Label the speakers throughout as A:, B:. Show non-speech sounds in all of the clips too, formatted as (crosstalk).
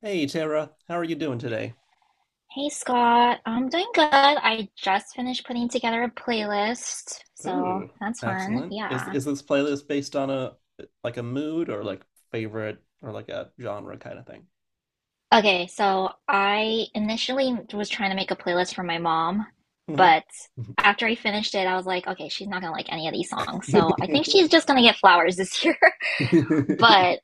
A: Hey Tara, how are you doing today?
B: Hey Scott, I'm doing good. I just finished putting together a playlist, so
A: Ooh,
B: that's fun.
A: excellent. Is
B: Yeah.
A: is this playlist based on a like a mood or like favorite or like a genre kind of thing?
B: Okay, so I initially was trying to make a playlist for my mom,
A: Mhm.
B: but after I finished it, I was like, okay, she's not gonna like any of these songs, so I think she's
A: (laughs)
B: just gonna get flowers this year. (laughs) But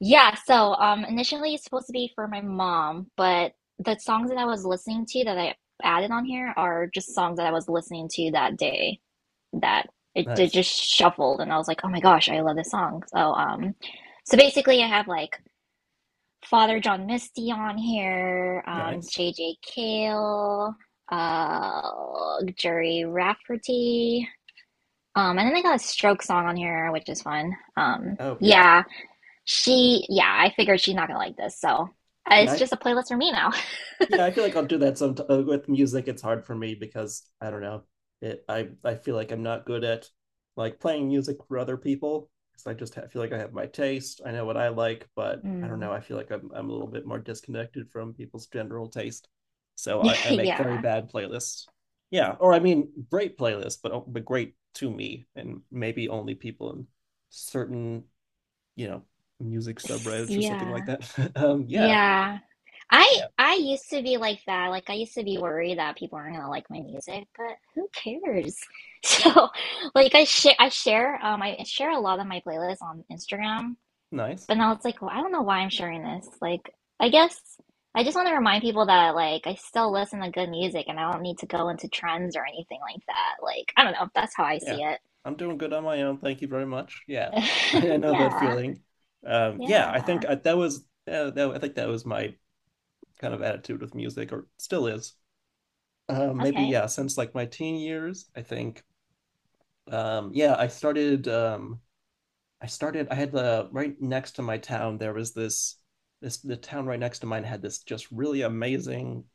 B: Yeah, so initially it's supposed to be for my mom, but the songs that I was listening to that I added on here are just songs that I was listening to that day that it
A: Nice.
B: just shuffled and I was like, "Oh my gosh, I love this song." So basically I have like Father John Misty on here,
A: Nice.
B: JJ Cale, uh Jerry Rafferty, and then I got a Stroke song on here, which is fun.
A: Oh yeah.
B: Yeah. Yeah, I figured she's not gonna like this, so it's
A: Yeah,
B: just a playlist for me now.
A: yeah, I feel like I'll do that some with music. It's hard for me because I don't know. It I feel like I'm not good at like playing music for other people because I just ha feel like I have my taste. I know what I like, but I don't
B: Mm.
A: know. I feel like I'm a little bit more disconnected from people's general taste. So I,
B: (laughs)
A: I make very
B: Yeah.
A: bad playlists. Yeah, or I mean great playlists, but great to me and maybe only people in certain, you know, music subreddits or something like
B: Yeah.
A: that. (laughs) Yeah.
B: Yeah. I
A: Yeah.
B: I used to be like that. Like I used to be worried that people aren't gonna like my music, but who cares? (laughs)
A: Yeah.
B: So, like I share a lot of my playlists on Instagram.
A: Nice.
B: But now it's like, well, I don't know why I'm sharing this. Like, I guess I just want to remind people that like I still listen to good music and I don't need to go into trends or anything like that. Like, I don't know. That's how I
A: Yeah,
B: see it.
A: I'm doing good on my own. Thank you very much. Yeah, (laughs) I
B: (laughs)
A: know that
B: Yeah.
A: feeling. Yeah,
B: Yeah.
A: I think that was my kind of attitude with music, or still is. Maybe,
B: Okay.
A: yeah, since like my teen years, I think. Yeah, I started I started. I had the right next to my town. There was this this the town right next to mine had this just really amazing,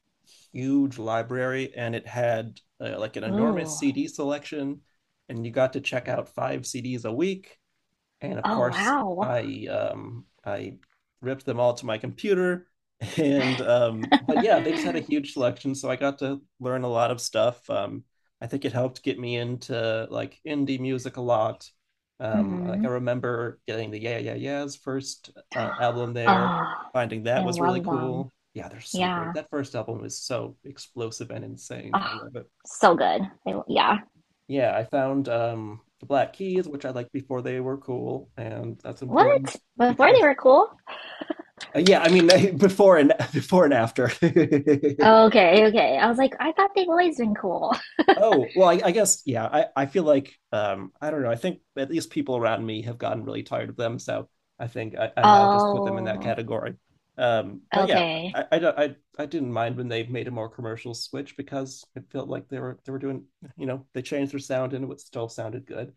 A: huge library, and it had like an enormous
B: Ooh.
A: CD selection, and you got to check out five CDs a week, and of
B: Oh,
A: course
B: wow.
A: I ripped them all to my computer. (laughs) And but yeah, they just had a
B: (laughs)
A: huge selection, so I got to learn a lot of stuff. I think it helped get me into like indie music a lot. Like I
B: Hmm.
A: remember getting the Yeah Yeah Yeahs first album there.
B: Oh,
A: Finding that
B: I
A: was really
B: love them.
A: cool. Yeah, they're so great.
B: Yeah.
A: That first album is so explosive and insane. I
B: Oh,
A: love it.
B: so good. Yeah.
A: Yeah, I found the Black Keys, which I liked before they were cool, and that's
B: What?
A: important
B: Before they
A: because
B: were cool?
A: yeah, I mean, (laughs) before and before and after.
B: Okay, okay. I was like, I thought they've always been cool. (laughs)
A: (laughs) Oh well, I guess, yeah. I feel like I don't know. I think at least people around me have gotten really tired of them, so I think I now just put them in that
B: Oh.
A: category. But yeah,
B: Okay.
A: I don't, I didn't mind when they made a more commercial switch because it felt like they were doing, they changed their sound, and it still sounded good.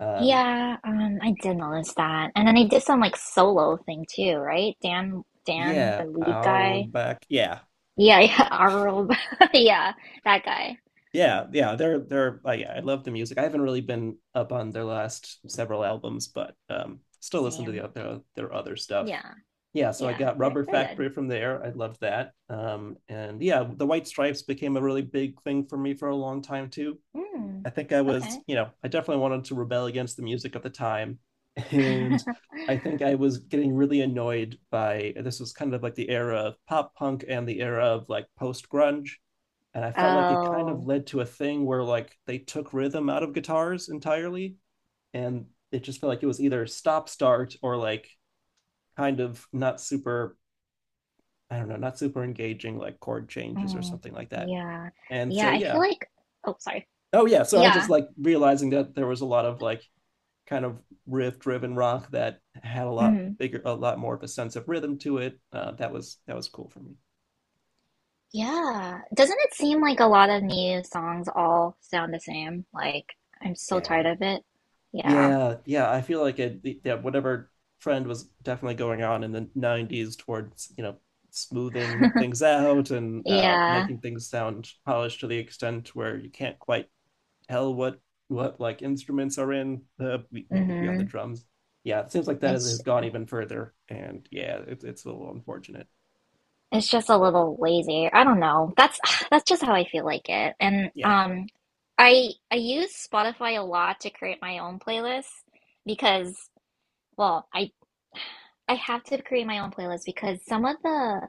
A: Um,
B: Yeah, I did notice that. And then they did some like solo thing too, right? Dan, the
A: Yeah,
B: lead
A: our
B: guy.
A: back. Yeah.
B: Yeah, yeah. (laughs) Arul. (laughs) Yeah, that guy.
A: Yeah, yeah, they're yeah, I love the music. I haven't really been up on their last several albums, but still listen to
B: Same.
A: their other stuff.
B: Yeah,
A: Yeah, so I
B: yeah,
A: got
B: they're
A: Rubber
B: they're good.
A: Factory from there. I loved that. And yeah, the White Stripes became a really big thing for me for a long time too.
B: Mm,
A: I think I was,
B: okay.
A: you know, I definitely wanted to rebel against the music of the time. (laughs) And
B: (laughs)
A: I think I was getting really annoyed by this was kind of like the era of pop punk and the era of like post grunge. And I felt like it kind of
B: Oh,
A: led to a thing where like they took rhythm out of guitars entirely. And it just felt like it was either stop start or like kind of not super, I don't know, not super engaging like chord changes or
B: mm,
A: something like that.
B: yeah.
A: And
B: Yeah,
A: so,
B: I feel
A: yeah.
B: like, oh, sorry.
A: Oh, yeah. So I was
B: Yeah.
A: just like realizing that there was a lot of like kind of riff driven rock that had a lot
B: Mm,
A: bigger, a lot more of a sense of rhythm to it. That was cool for me.
B: yeah. Doesn't it seem like a lot of new songs all sound the same? Like, I'm so tired
A: Yeah,
B: of it. Yeah.
A: yeah, yeah. I feel like it. Yeah, whatever trend was definitely going on in the '90s towards smoothing things out and,
B: Yeah.
A: making things sound polished to the extent where you can't quite tell what like instruments are in the maybe beyond the
B: Hmm.
A: drums. Yeah, it seems like that has,
B: It's
A: has gone even further, and yeah, it, it's a little unfortunate.
B: it's just a little lazy. I don't know. That's (sighs) that's just how I feel like it. And
A: Yeah,
B: I use Spotify a lot to create my own playlists because well, I (sighs) I have to create my own playlist because some of the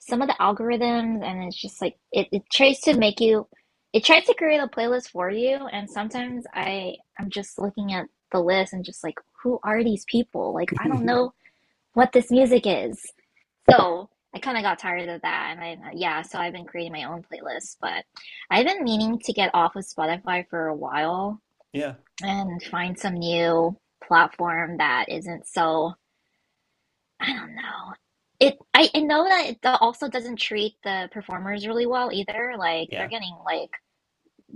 B: some of the algorithms and it's just like it tries to create a playlist for you and sometimes I'm just looking at the list and just like who are these people? Like I don't know
A: (laughs)
B: what this music is. So I kind of got tired of that, and I yeah, so I've been creating my own playlist. But I've been meaning to get off of Spotify for a while
A: yeah.
B: and find some new platform that isn't so I don't know. I know that it also doesn't treat the performers really well either. Like they're
A: Yeah.
B: getting like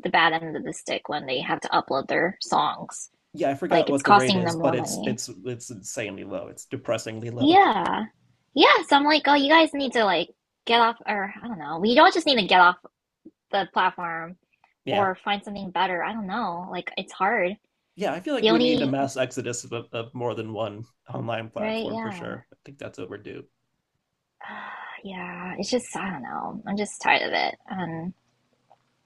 B: the bad end of the stick when they have to upload their songs.
A: Yeah, I forgot
B: Like it's
A: what the rate
B: costing
A: is,
B: them
A: but
B: more
A: it's
B: money.
A: it's it's insanely low. It's depressingly low. (laughs)
B: Yeah. Yeah, so I'm like, oh, you guys need to like get off, or I don't know. We don't just need to get off the platform
A: Yeah.
B: or find something better. I don't know. Like it's hard.
A: Yeah, I feel like
B: The
A: we need a
B: only
A: mass exodus of more than one online
B: Right,
A: platform for
B: yeah.
A: sure. I think that's overdue.
B: (sighs) Yeah, it's just I don't know. I'm just tired of it.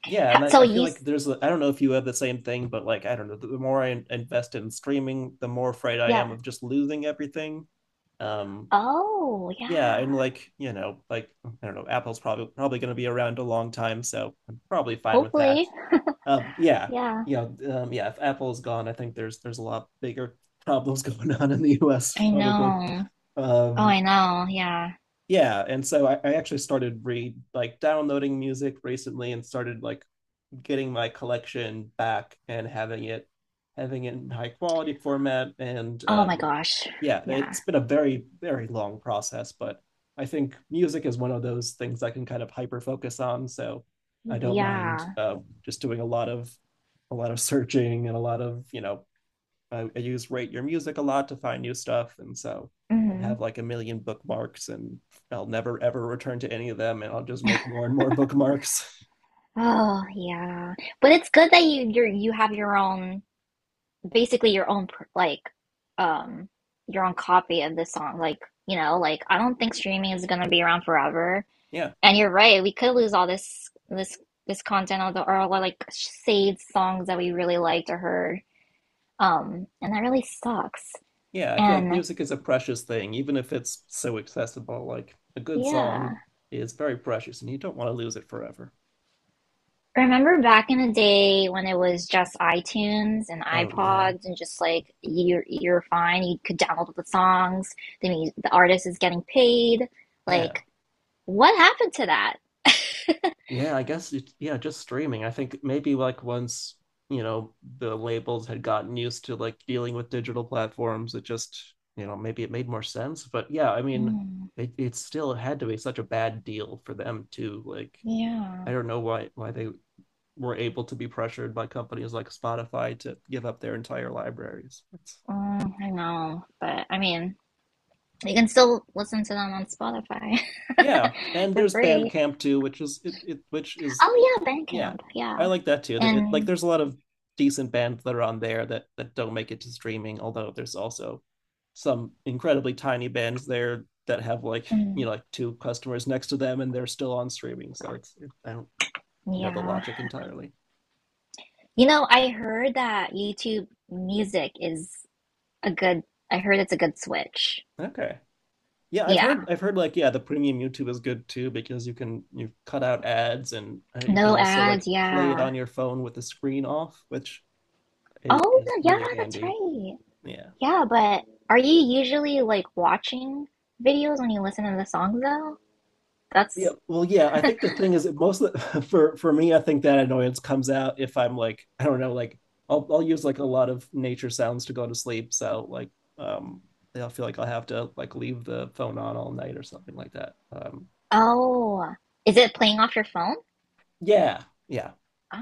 A: Yeah,
B: ha-
A: and I,
B: so
A: I feel
B: you
A: like
B: s-
A: there's a, I don't know if you have the same thing, but like I don't know, the more I invest in streaming, the more afraid I am
B: yeah.
A: of just losing everything. Um,
B: Oh,
A: yeah,
B: yeah.
A: and like, you know, like I don't know, Apple's probably going to be around a long time, so I'm probably fine with that.
B: Hopefully.
A: Um, yeah,
B: Yeah.
A: you know, um, yeah. If Apple is gone, I think there's a lot bigger (laughs) problems going on in the U.S.
B: I
A: Probably.
B: know. Oh,
A: Um,
B: I know. Yeah.
A: yeah, and so I actually started read like downloading music recently and started like getting my collection back and having it in high quality format and
B: Oh my gosh.
A: yeah,
B: Yeah.
A: it's been a very very long process, but I think music is one of those things I can kind of hyper focus on, so I don't mind,
B: Yeah.
A: just doing a lot of searching and a lot of I use rate your music a lot to find new stuff. And so I'll have
B: Hmm.
A: like a million bookmarks, and I'll never ever return to any of them, and I'll just make more and more bookmarks.
B: Oh, yeah. But it's good that you're, you have your own. Basically your own, like, um your own copy of the song. Like, you know, like I don't think streaming is going to be around forever,
A: (laughs) Yeah,
B: and you're right, we could lose all this content, or all the, like, saved songs that we really liked or heard, and that really sucks,
A: yeah, I feel like
B: and
A: music is a precious thing, even if it's so accessible. Like a good song
B: yeah,
A: is very precious, and you don't want to lose it forever.
B: remember back in the day when it was just iTunes and
A: Oh yeah.
B: iPods and just like you're fine, you could download the songs, the artist is getting paid,
A: Yeah.
B: like, what happened to that? (laughs)
A: Yeah, I guess it, yeah, just streaming. I think maybe like once, the labels had gotten used to like dealing with digital platforms. It just, maybe it made more sense. But yeah, I mean,
B: Mm,
A: it still had to be such a bad deal for them too. Like
B: yeah.
A: I don't know why they were able to be pressured by companies like Spotify to give up their entire libraries. It's,
B: Mm, I know. But I mean, you can still listen to them on Spotify
A: yeah,
B: (laughs)
A: and
B: for
A: there's
B: free.
A: Bandcamp too, which is
B: Oh, yeah,
A: yeah,
B: Bandcamp.
A: I
B: Yeah.
A: like that too. It, like
B: And
A: there's a lot of decent bands that are on there that don't make it to streaming, although there's also some incredibly tiny bands there that have like you
B: Mm,
A: know like two customers next to them, and they're still on streaming. So I don't know the
B: yeah.
A: logic entirely.
B: You know, I heard that YouTube music is a good, I heard it's a good switch.
A: Okay. Yeah, I've
B: Yeah.
A: heard I've heard like, yeah, the premium YouTube is good too because you cut out ads, and you can
B: No
A: also like
B: ads.
A: play it
B: Yeah.
A: on your phone with the screen off, which i-
B: Oh,
A: is
B: yeah,
A: really
B: that's
A: handy.
B: right.
A: Yeah.
B: Yeah, but are you usually like watching videos when you listen to the songs though?
A: Yeah,
B: That's
A: well, yeah, I think the thing is that (laughs) for me, I think that annoyance comes out if I'm like, I don't know, like I'll use like a lot of nature sounds to go to sleep. So like, um I'll feel like I'll have to like leave the phone on all night or something like that. Um
B: Oh, is it playing off your phone?
A: yeah, yeah,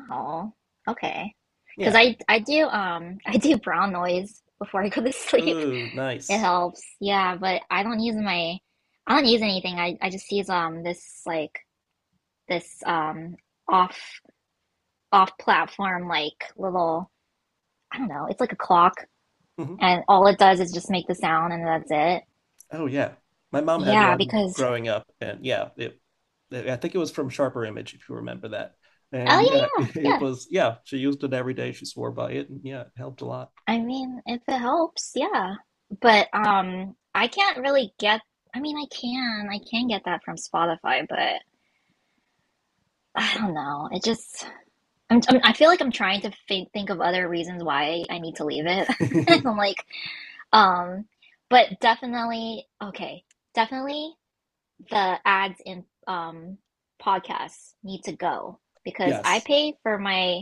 B: Oh, okay. Because
A: yeah.
B: I do (laughs) I do brown noise before I go to sleep. (laughs)
A: Oh,
B: It
A: nice.
B: helps. Yeah, but I don't use anything. I just use this this off off platform, like, little, I don't know. It's like a clock,
A: Mhm.
B: and all it does is just make the sound, and that's it.
A: Oh yeah, my mom had
B: Yeah,
A: one
B: because
A: growing up, and yeah, it. I think it was from Sharper Image, if you remember that.
B: oh
A: And yeah, (laughs)
B: yeah yeah
A: it,
B: yeah.
A: was yeah. She used it every day. She swore by it, and yeah, it helped a lot.
B: I mean, if it helps, yeah. But I can't really get. I mean, I can. I can get that from Spotify, but I don't know. It just I feel like I'm trying to think of other reasons why I need to leave it. (laughs) And I'm
A: (laughs)
B: like um but definitely okay. Definitely the ads in podcasts need to go because I
A: Yes.
B: pay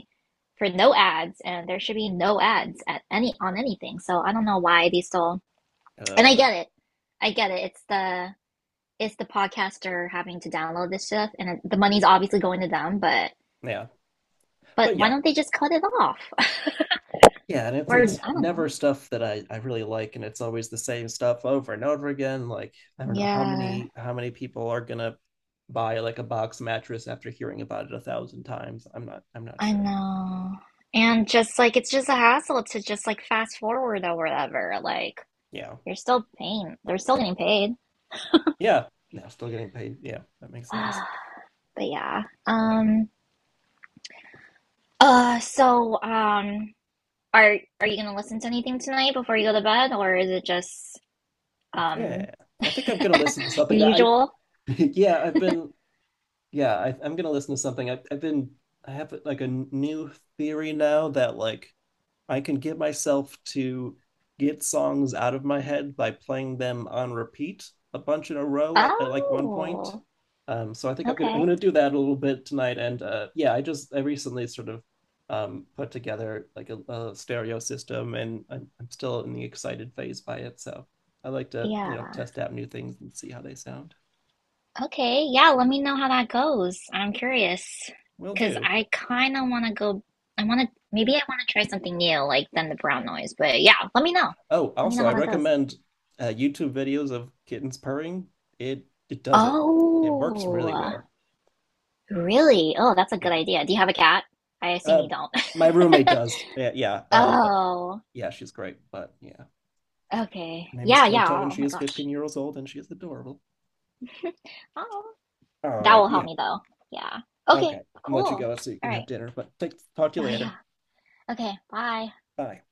B: for no ads and there should be no ads at any on anything. So I don't know why they still, and I
A: Uh,
B: get it. I get it. It's the podcaster having to download this stuff, and the money's obviously going to them. But
A: yeah, but
B: why
A: yeah,
B: don't they just cut it off? (laughs)
A: yeah, and it's
B: Or
A: it's
B: I don't
A: never
B: know.
A: stuff that I really like, and it's always the same stuff over and over again. Like I don't know how
B: Yeah,
A: many how many people are gonna buy like a box mattress after hearing about it a thousand times. I'm not
B: I
A: sure.
B: know. And just like it's just a hassle to just like fast forward or whatever. Like
A: Yeah.
B: you're still paying. They're still getting paid.
A: Yeah. No, still getting paid. Yeah, that makes a lot of sense.
B: (sighs) But yeah.
A: Yeah.
B: So Are you gonna listen to anything tonight before you go to bed, or is it just um
A: Yeah. I
B: (laughs)
A: think I'm gonna listen to
B: your
A: something. I
B: usual?
A: (laughs) yeah, I've been, yeah, I'm gonna listen to something. I I've been I have like a new theory now that like I can get myself to get songs out of my head by playing them on repeat a bunch in a row at like one point.
B: Oh,
A: So I think I'm gonna I'm
B: okay.
A: gonna do that a little bit tonight. And yeah, I recently sort of put together like a stereo system, and I'm still in the excited phase by it. So I like to
B: Yeah.
A: test out new things and see how they sound.
B: Okay. Yeah, let me know how that goes. I'm curious
A: Will
B: because
A: do.
B: I kind of want to go. Maybe I want to try something new, like, than the brown noise. But yeah, let me know.
A: Oh,
B: Let me know
A: also
B: how
A: I
B: that goes.
A: recommend YouTube videos of kittens purring. It does it. It works
B: Oh,
A: really well.
B: really? Oh, that's a good
A: Yeah.
B: idea. Do you have a cat? I assume
A: Uh,
B: you don't. (laughs)
A: my roommate does. Yeah, yeah. But
B: Oh,
A: yeah, she's great. But yeah, her
B: okay.
A: name is
B: Yeah, yeah.
A: Toto,
B: Oh
A: and
B: oh
A: she
B: my
A: is
B: gosh.
A: 15 years old, and she is adorable.
B: (laughs) Oh,
A: All
B: that
A: right.
B: will help
A: Yeah.
B: me though. Yeah. Okay,
A: Okay. I'll let you
B: cool.
A: go so you
B: All
A: can have
B: right.
A: dinner. But talk to you
B: Oh, yeah.
A: later.
B: Okay, bye.
A: Bye.